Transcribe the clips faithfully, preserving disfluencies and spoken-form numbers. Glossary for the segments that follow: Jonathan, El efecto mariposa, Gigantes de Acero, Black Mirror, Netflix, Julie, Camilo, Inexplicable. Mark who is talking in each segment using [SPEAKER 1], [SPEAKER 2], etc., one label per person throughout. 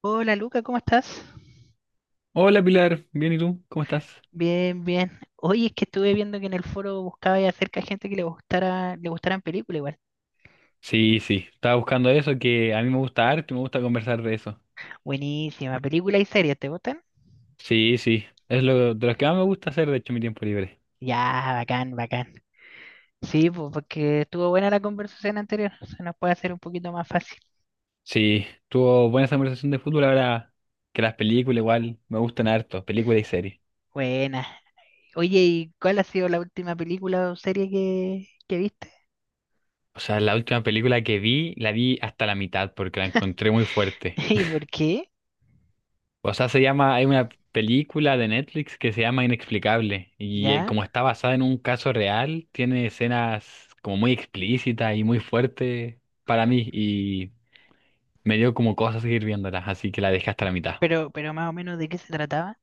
[SPEAKER 1] Hola Luca, ¿cómo estás?
[SPEAKER 2] Hola Pilar, bien y tú, ¿cómo estás?
[SPEAKER 1] Bien, bien. Oye, es que estuve viendo que en el foro buscaba y acerca de gente que le gustara, le gustaran películas igual.
[SPEAKER 2] Sí, sí, estaba buscando eso, que a mí me gusta arte, me gusta conversar de eso.
[SPEAKER 1] Buenísima, película y series, ¿te gustan?
[SPEAKER 2] Sí, sí, es lo de los que más me gusta hacer, de hecho, en mi tiempo libre.
[SPEAKER 1] Ya, bacán, bacán. Sí, pues porque estuvo buena la conversación anterior, se nos puede hacer un poquito más fácil.
[SPEAKER 2] Sí, tuvo buena esa conversación de fútbol, ahora que las películas igual me gustan harto, películas y series.
[SPEAKER 1] Buena. Oye, ¿y cuál ha sido la última película o serie que, que viste?
[SPEAKER 2] O sea, la última película que vi, la vi hasta la mitad porque la encontré muy fuerte.
[SPEAKER 1] ¿Y por qué?
[SPEAKER 2] O sea, se llama, hay una película de Netflix que se llama Inexplicable y eh,
[SPEAKER 1] ¿Ya?
[SPEAKER 2] como está basada en un caso real, tiene escenas como muy explícitas y muy fuertes para mí y me dio como cosas seguir viéndolas, así que la dejé hasta la mitad.
[SPEAKER 1] Pero, pero más o menos de qué se trataba.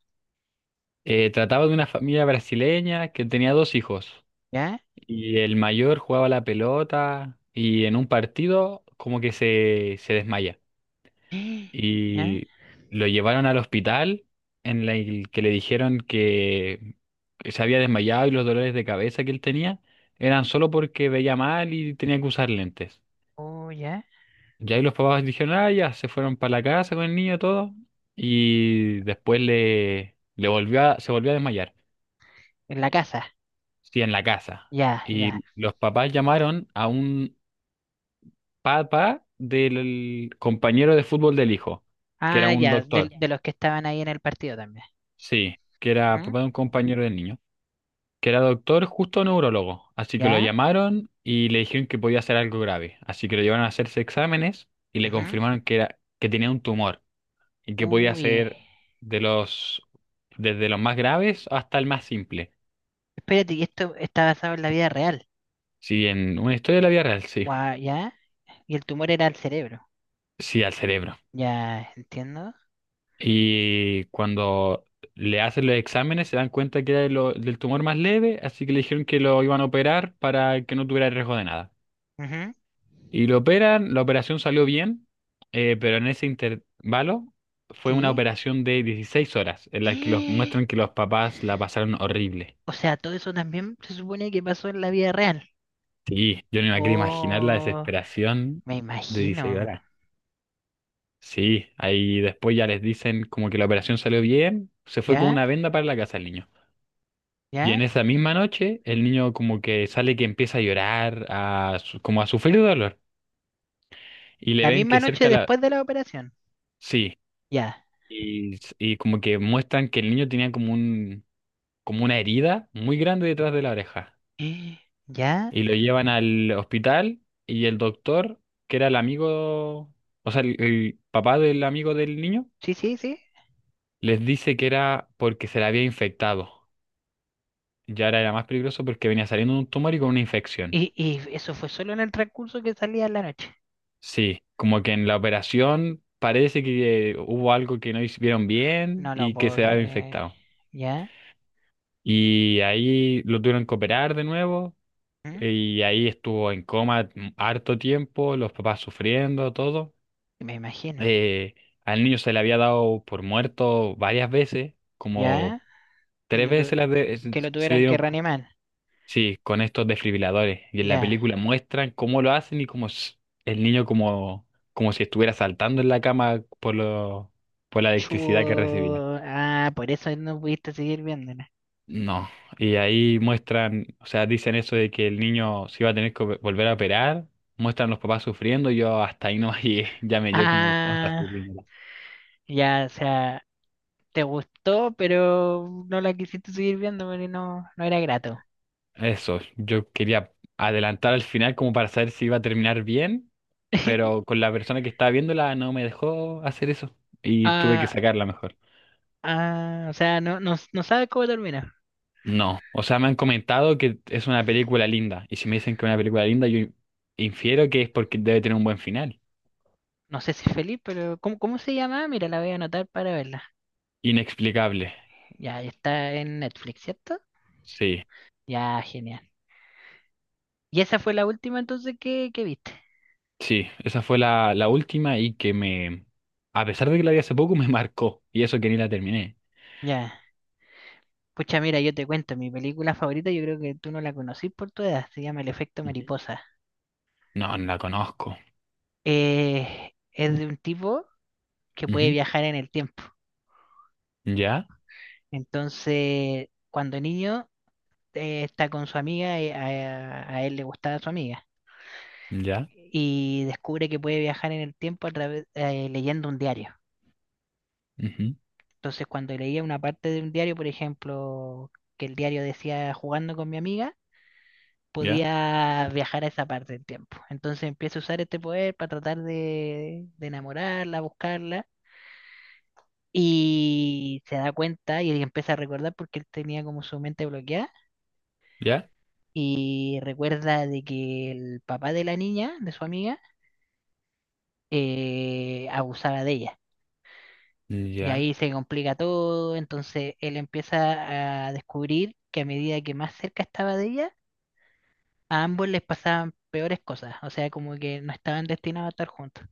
[SPEAKER 2] Eh, trataba de una familia brasileña que tenía dos hijos
[SPEAKER 1] ¿Ya?
[SPEAKER 2] y el mayor jugaba la pelota y en un partido como que se, se desmaya.
[SPEAKER 1] ¿Ya?
[SPEAKER 2] Y lo llevaron al hospital en la el que le dijeron que se había desmayado y los dolores de cabeza que él tenía eran solo porque veía mal y tenía que usar lentes.
[SPEAKER 1] Oh, ya.
[SPEAKER 2] Y ahí los papás dijeron, ah, ya, se fueron para la casa con el niño todo y después le, le volvió a- se volvió a desmayar,
[SPEAKER 1] En la casa.
[SPEAKER 2] sí, en la casa.
[SPEAKER 1] Ya, ya.
[SPEAKER 2] Y los papás llamaron a un papá del compañero de fútbol del hijo, que era
[SPEAKER 1] Ah,
[SPEAKER 2] un
[SPEAKER 1] ya, de,
[SPEAKER 2] doctor,
[SPEAKER 1] de los que estaban ahí en el partido también.
[SPEAKER 2] sí, que era
[SPEAKER 1] Ujú.
[SPEAKER 2] papá de un compañero del niño, que era doctor, justo neurólogo. Así que lo
[SPEAKER 1] ¿Ya?
[SPEAKER 2] llamaron y le dijeron que podía ser algo grave. Así que lo llevaron a hacerse exámenes y le
[SPEAKER 1] Ujú.
[SPEAKER 2] confirmaron que era, que tenía un tumor y que podía
[SPEAKER 1] Uy.
[SPEAKER 2] ser de los, desde los más graves hasta el más simple.
[SPEAKER 1] Espérate, y esto está basado en la vida real.
[SPEAKER 2] Sí, en una historia de la vida real, sí.
[SPEAKER 1] Guau, ¿ya? Y el tumor era el cerebro.
[SPEAKER 2] Sí, al cerebro.
[SPEAKER 1] Ya, entiendo.
[SPEAKER 2] Y cuando le hacen los exámenes se dan cuenta que era de lo- del tumor más leve, así que le dijeron que lo iban a operar para que no tuviera riesgo de nada.
[SPEAKER 1] Ujú.
[SPEAKER 2] Y lo operan, la operación salió bien, eh, pero en ese intervalo fue una
[SPEAKER 1] Sí.
[SPEAKER 2] operación de dieciséis horas, en la que los muestran que los papás la pasaron horrible.
[SPEAKER 1] O sea, todo eso también se supone que pasó en la vida real.
[SPEAKER 2] Sí, yo no me quiero imaginar la
[SPEAKER 1] Oh,
[SPEAKER 2] desesperación
[SPEAKER 1] me
[SPEAKER 2] de dieciséis
[SPEAKER 1] imagino.
[SPEAKER 2] horas. Sí, ahí después ya les dicen como que la operación salió bien, se fue con
[SPEAKER 1] ¿Ya?
[SPEAKER 2] una venda para la casa el niño. Y
[SPEAKER 1] ¿Ya?
[SPEAKER 2] en esa misma noche el niño como que sale que empieza a llorar, a, su- como a sufrir dolor. Y le
[SPEAKER 1] La
[SPEAKER 2] ven
[SPEAKER 1] misma
[SPEAKER 2] que
[SPEAKER 1] noche
[SPEAKER 2] cerca la.
[SPEAKER 1] después de la operación.
[SPEAKER 2] Sí.
[SPEAKER 1] Ya.
[SPEAKER 2] Y, y como que muestran que el niño tenía como un, como una herida muy grande detrás de la oreja.
[SPEAKER 1] ¿Ya?
[SPEAKER 2] Y lo llevan al hospital y el doctor, que era el amigo, o sea, el, el papá del amigo del niño,
[SPEAKER 1] Sí, sí, sí.
[SPEAKER 2] les dice que era porque se le había infectado. Y ahora era más peligroso porque venía saliendo de un tumor y con una infección.
[SPEAKER 1] Y, y eso fue solo en el transcurso que salía en la noche.
[SPEAKER 2] Sí, como que en la operación parece que eh, hubo algo que no hicieron bien
[SPEAKER 1] No lo
[SPEAKER 2] y que
[SPEAKER 1] puedo
[SPEAKER 2] se había
[SPEAKER 1] creer.
[SPEAKER 2] infectado.
[SPEAKER 1] ¿Ya?
[SPEAKER 2] Y ahí lo tuvieron que operar de nuevo.
[SPEAKER 1] ¿Mm?
[SPEAKER 2] Y ahí estuvo en coma harto tiempo, los papás sufriendo, todo.
[SPEAKER 1] Me imagino.
[SPEAKER 2] Eh, Al niño se le había dado por muerto varias veces,
[SPEAKER 1] ¿Ya?
[SPEAKER 2] como
[SPEAKER 1] Que
[SPEAKER 2] tres
[SPEAKER 1] lo,
[SPEAKER 2] veces
[SPEAKER 1] tu-
[SPEAKER 2] se, las de- se
[SPEAKER 1] que lo
[SPEAKER 2] se le
[SPEAKER 1] tuvieran que
[SPEAKER 2] dieron, p-
[SPEAKER 1] reanimar.
[SPEAKER 2] sí, con estos desfibriladores. Y en la
[SPEAKER 1] Ya.
[SPEAKER 2] película muestran cómo lo hacen y cómo s- el niño, como, como si estuviera saltando en la cama por lo, por la
[SPEAKER 1] Chu.
[SPEAKER 2] electricidad que recibía.
[SPEAKER 1] Ah, por eso no pudiste seguir viéndola.
[SPEAKER 2] No, y ahí muestran, o sea, dicen eso de que el niño se iba a tener que vo- volver a operar, muestran los papás sufriendo, y yo hasta ahí no llegué, ya me dio como cosas
[SPEAKER 1] Ah,
[SPEAKER 2] sufriendo.
[SPEAKER 1] ya, o sea, te gustó, pero no la quisiste seguir viendo porque no, no era grato.
[SPEAKER 2] Eso, yo quería adelantar al final como para saber si iba a terminar bien, pero con la persona que estaba viéndola no me dejó hacer eso y tuve que
[SPEAKER 1] Ah,
[SPEAKER 2] sacarla mejor.
[SPEAKER 1] ah, o sea, no, no, no sabes cómo termina.
[SPEAKER 2] No, o sea, me han comentado que es una película linda, y si me dicen que es una película linda, yo infiero que es porque debe tener un buen final.
[SPEAKER 1] No sé si es feliz, pero ¿cómo, cómo se llama? Mira, la voy a anotar para verla.
[SPEAKER 2] Inexplicable,
[SPEAKER 1] Ya, está en Netflix, ¿cierto?
[SPEAKER 2] sí.
[SPEAKER 1] Ya, genial. ¿Y esa fue la última entonces que, que viste?
[SPEAKER 2] Sí, esa fue la, la última y que me, a pesar de que la vi hace poco, me marcó. Y eso que ni la terminé.
[SPEAKER 1] Ya. Pucha, mira, yo te cuento, mi película favorita, yo creo que tú no la conocís por tu edad, se llama El efecto
[SPEAKER 2] Ujú.
[SPEAKER 1] mariposa.
[SPEAKER 2] No, no la conozco.
[SPEAKER 1] Eh, es de un tipo que puede
[SPEAKER 2] Ujú.
[SPEAKER 1] viajar en el tiempo.
[SPEAKER 2] Ya,
[SPEAKER 1] Entonces, cuando niño, eh, está con su amiga, eh, a, a él le gustaba su amiga,
[SPEAKER 2] ya,
[SPEAKER 1] y descubre que puede viajar en el tiempo a través, eh, leyendo un diario.
[SPEAKER 2] ujú.
[SPEAKER 1] Entonces, cuando leía una parte de un diario, por ejemplo, que el diario decía jugando con mi amiga,
[SPEAKER 2] Ya,
[SPEAKER 1] podía viajar a esa parte del tiempo. Entonces empiezo a usar este poder para tratar de, de enamorarla, buscarla, y se da cuenta y él empieza a recordar porque él tenía como su mente bloqueada,
[SPEAKER 2] ya,
[SPEAKER 1] y recuerda de que el papá de la niña, de su amiga, eh, abusaba de ella. Y
[SPEAKER 2] ya.
[SPEAKER 1] ahí se complica todo, entonces él empieza a descubrir que a medida que más cerca estaba de ella, a ambos les pasaban peores cosas, o sea, como que no estaban destinados a estar juntos.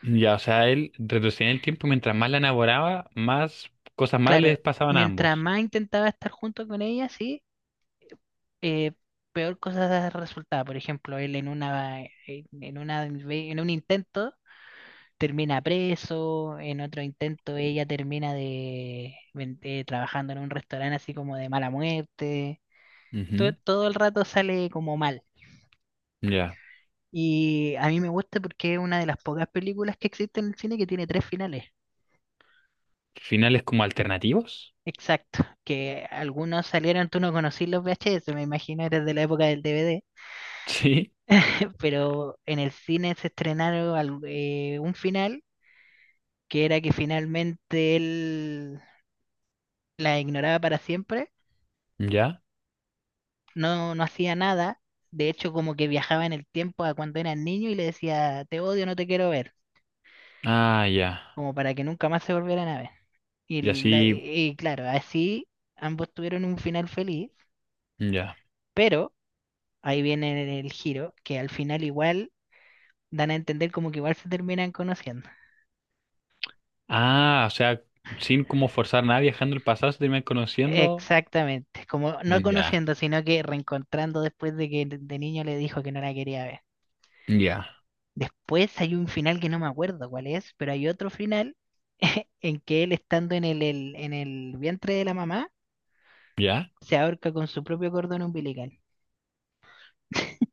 [SPEAKER 2] Ya, o sea, él retrocedía en el tiempo mientras más la enamoraba, más cosas malas les
[SPEAKER 1] Claro,
[SPEAKER 2] pasaban a
[SPEAKER 1] mientras
[SPEAKER 2] ambos.
[SPEAKER 1] más intentaba estar junto con ella, sí, eh, peor cosas resultaba. Por ejemplo, él en una, eh, en, en una, ve- en un intento termina preso, en otro intento ella termina de, ven- eh, trabajando en un restaurante así como de mala muerte. To-
[SPEAKER 2] Ujú.
[SPEAKER 1] todo el rato sale como mal.
[SPEAKER 2] Ya.
[SPEAKER 1] Y a mí me gusta porque es una de las pocas películas que existen en el cine que tiene tres finales.
[SPEAKER 2] Finales como alternativos.
[SPEAKER 1] Exacto, que algunos salieron, tú no conocí los V H S, me imagino, eres de la época del D V D.
[SPEAKER 2] Sí,
[SPEAKER 1] Pero en el cine se estrenaron al- eh, un final que era que finalmente él la ignoraba para siempre,
[SPEAKER 2] ya.
[SPEAKER 1] no, no hacía nada, de hecho como que viajaba en el tiempo a cuando era niño y le decía, te odio, no te quiero ver,
[SPEAKER 2] Ah, ya.
[SPEAKER 1] como para que nunca más se volvieran a ver. Y,
[SPEAKER 2] Y
[SPEAKER 1] la-
[SPEAKER 2] así,
[SPEAKER 1] y- y claro, así ambos tuvieron un final feliz,
[SPEAKER 2] ya.
[SPEAKER 1] pero ahí viene el giro, que al final igual dan a entender como que igual se terminan conociendo.
[SPEAKER 2] Ah, o sea, sin como forzar nada, viajando al pasado, se terminan conociendo.
[SPEAKER 1] Exactamente, como no
[SPEAKER 2] Ya,
[SPEAKER 1] conociendo, sino que reencontrando después de que de de niño le dijo que no la quería ver.
[SPEAKER 2] ya,
[SPEAKER 1] Después hay un final que no me acuerdo cuál es, pero hay otro final en que él estando en el, el- en el vientre de la mamá
[SPEAKER 2] ya.
[SPEAKER 1] se ahorca con su propio cordón umbilical.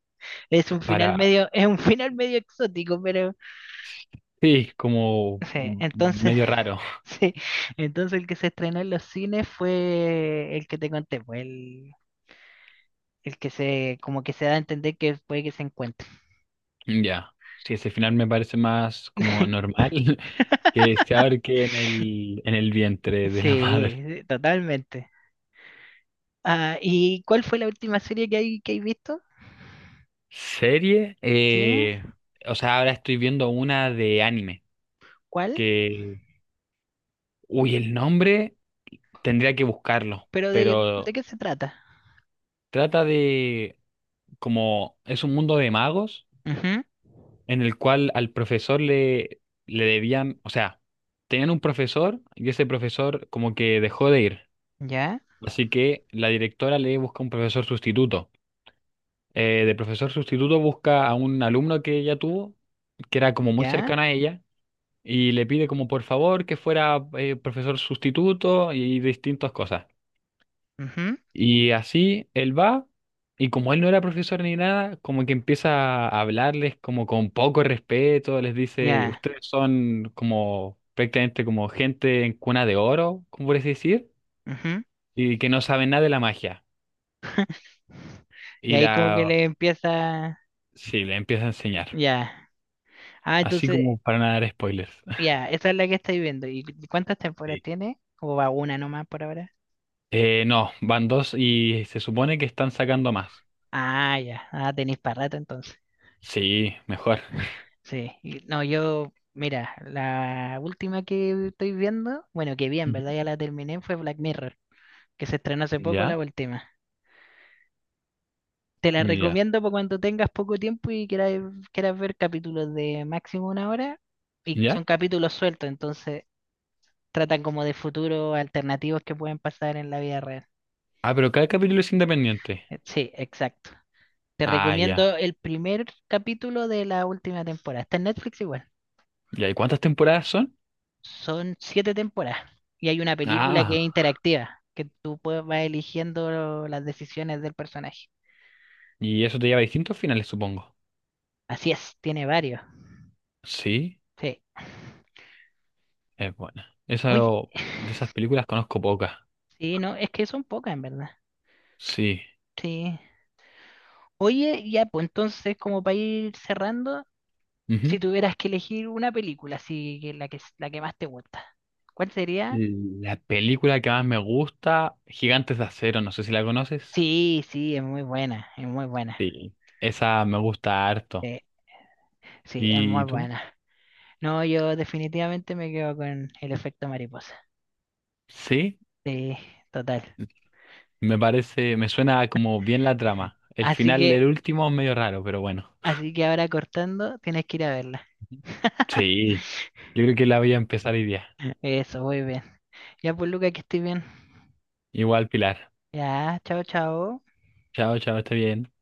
[SPEAKER 1] Es un final
[SPEAKER 2] Para,
[SPEAKER 1] medio, es un final medio exótico, pero
[SPEAKER 2] sí, como
[SPEAKER 1] sí,
[SPEAKER 2] mm,
[SPEAKER 1] entonces,
[SPEAKER 2] medio raro.
[SPEAKER 1] sí, entonces el que se estrenó en los cines fue el que te conté, pues el, el que se, como que se da a entender que puede que se encuentre.
[SPEAKER 2] Ya. Sí, ese final me parece más como normal que se ahorque en el, en el vientre de la madre.
[SPEAKER 1] Sí, totalmente. Ah, ¿y cuál fue la última serie que hay, que hay visto?
[SPEAKER 2] Serie,
[SPEAKER 1] ¿Sí?
[SPEAKER 2] eh, o sea, ahora estoy viendo una de anime
[SPEAKER 1] ¿Cuál?
[SPEAKER 2] que, uy, el nombre tendría que buscarlo,
[SPEAKER 1] ¿Pero de, de
[SPEAKER 2] pero
[SPEAKER 1] qué se trata?
[SPEAKER 2] trata de como es un mundo de magos
[SPEAKER 1] Ujú.
[SPEAKER 2] en el cual al profesor le, le debían, o sea, tenían un profesor y ese profesor como que dejó de ir.
[SPEAKER 1] Ya,
[SPEAKER 2] Así que la directora le busca un profesor sustituto. Eh, de profesor sustituto busca a un alumno que ella tuvo, que era como muy
[SPEAKER 1] ya,
[SPEAKER 2] cercano a ella, y le pide como por favor que fuera eh, profesor sustituto y distintas cosas.
[SPEAKER 1] ujú,
[SPEAKER 2] Y así él va, y como él no era profesor ni nada, como que empieza a hablarles como con poco respeto, les dice,
[SPEAKER 1] ya,
[SPEAKER 2] ustedes son como prácticamente como gente en cuna de oro, como por así decir,
[SPEAKER 1] ujú.
[SPEAKER 2] y que no saben nada de la magia.
[SPEAKER 1] Y
[SPEAKER 2] Y
[SPEAKER 1] ahí como que
[SPEAKER 2] la,
[SPEAKER 1] le empieza,
[SPEAKER 2] sí, le empieza a enseñar,
[SPEAKER 1] ya. Ah,
[SPEAKER 2] así
[SPEAKER 1] entonces,
[SPEAKER 2] como para no dar spoilers.
[SPEAKER 1] ya, esa es la que estáis viendo. ¿Y cu- cuántas temporadas
[SPEAKER 2] Sí.
[SPEAKER 1] tiene? ¿O va una nomás por ahora?
[SPEAKER 2] Eh, no, van dos y se supone que están sacando más.
[SPEAKER 1] Ah, ya. Ah, tenéis para rato entonces.
[SPEAKER 2] Sí, mejor.
[SPEAKER 1] Sí, y- no, yo, mira, la última que estoy viendo, bueno, que bien,
[SPEAKER 2] Ujú.
[SPEAKER 1] ¿verdad? Ya la terminé, fue Black Mirror, que se estrenó hace poco la
[SPEAKER 2] ¿Ya?
[SPEAKER 1] última. Te la
[SPEAKER 2] ¿Ya?
[SPEAKER 1] recomiendo para cuando tengas poco tiempo y quieras, quieras ver capítulos de máximo una hora, y
[SPEAKER 2] ¿Ya?
[SPEAKER 1] son capítulos sueltos, entonces tratan como de futuros alternativos que pueden pasar en la vida real.
[SPEAKER 2] Ah, pero cada capítulo es independiente.
[SPEAKER 1] Eh, Sí, exacto. Te
[SPEAKER 2] Ah,
[SPEAKER 1] recomiendo
[SPEAKER 2] ya.
[SPEAKER 1] el primer capítulo de la última temporada. Está en Netflix igual.
[SPEAKER 2] ¿Y ahí cuántas temporadas son?
[SPEAKER 1] Son siete temporadas y hay una película que es
[SPEAKER 2] Ah,
[SPEAKER 1] interactiva, que tú puedes, vas eligiendo las decisiones del personaje.
[SPEAKER 2] y eso te lleva a distintos finales, supongo.
[SPEAKER 1] Así es, tiene varios.
[SPEAKER 2] Sí,
[SPEAKER 1] Sí.
[SPEAKER 2] es buena. Esa,
[SPEAKER 1] Oye,
[SPEAKER 2] de esas películas conozco pocas.
[SPEAKER 1] sí, no, es que son pocas en verdad.
[SPEAKER 2] Sí.
[SPEAKER 1] Sí. Oye, ya, pues entonces, como para ir cerrando, si
[SPEAKER 2] Ujú.
[SPEAKER 1] tuvieras que elegir una película, así que la que, la que más te gusta, ¿cuál sería?
[SPEAKER 2] La película que más me gusta, Gigantes de Acero, no sé si la conoces.
[SPEAKER 1] Sí, sí, es muy buena, es muy buena.
[SPEAKER 2] Sí. Esa me gusta harto.
[SPEAKER 1] Sí, sí, es muy
[SPEAKER 2] ¿Y tú?
[SPEAKER 1] buena. No, yo definitivamente me quedo con El efecto mariposa.
[SPEAKER 2] Sí,
[SPEAKER 1] Sí, total.
[SPEAKER 2] me parece, me suena como bien la trama. El
[SPEAKER 1] Así
[SPEAKER 2] final, el
[SPEAKER 1] que,
[SPEAKER 2] último, es medio raro, pero bueno.
[SPEAKER 1] así que ahora cortando, tienes que ir a verla.
[SPEAKER 2] Ujú. Sí, yo creo que la voy a empezar hoy día.
[SPEAKER 1] Eso, muy bien. Ya pues, Luca, que estés bien.
[SPEAKER 2] Igual, Pilar.
[SPEAKER 1] Ya, chao, chao.
[SPEAKER 2] Chao, chao, está bien.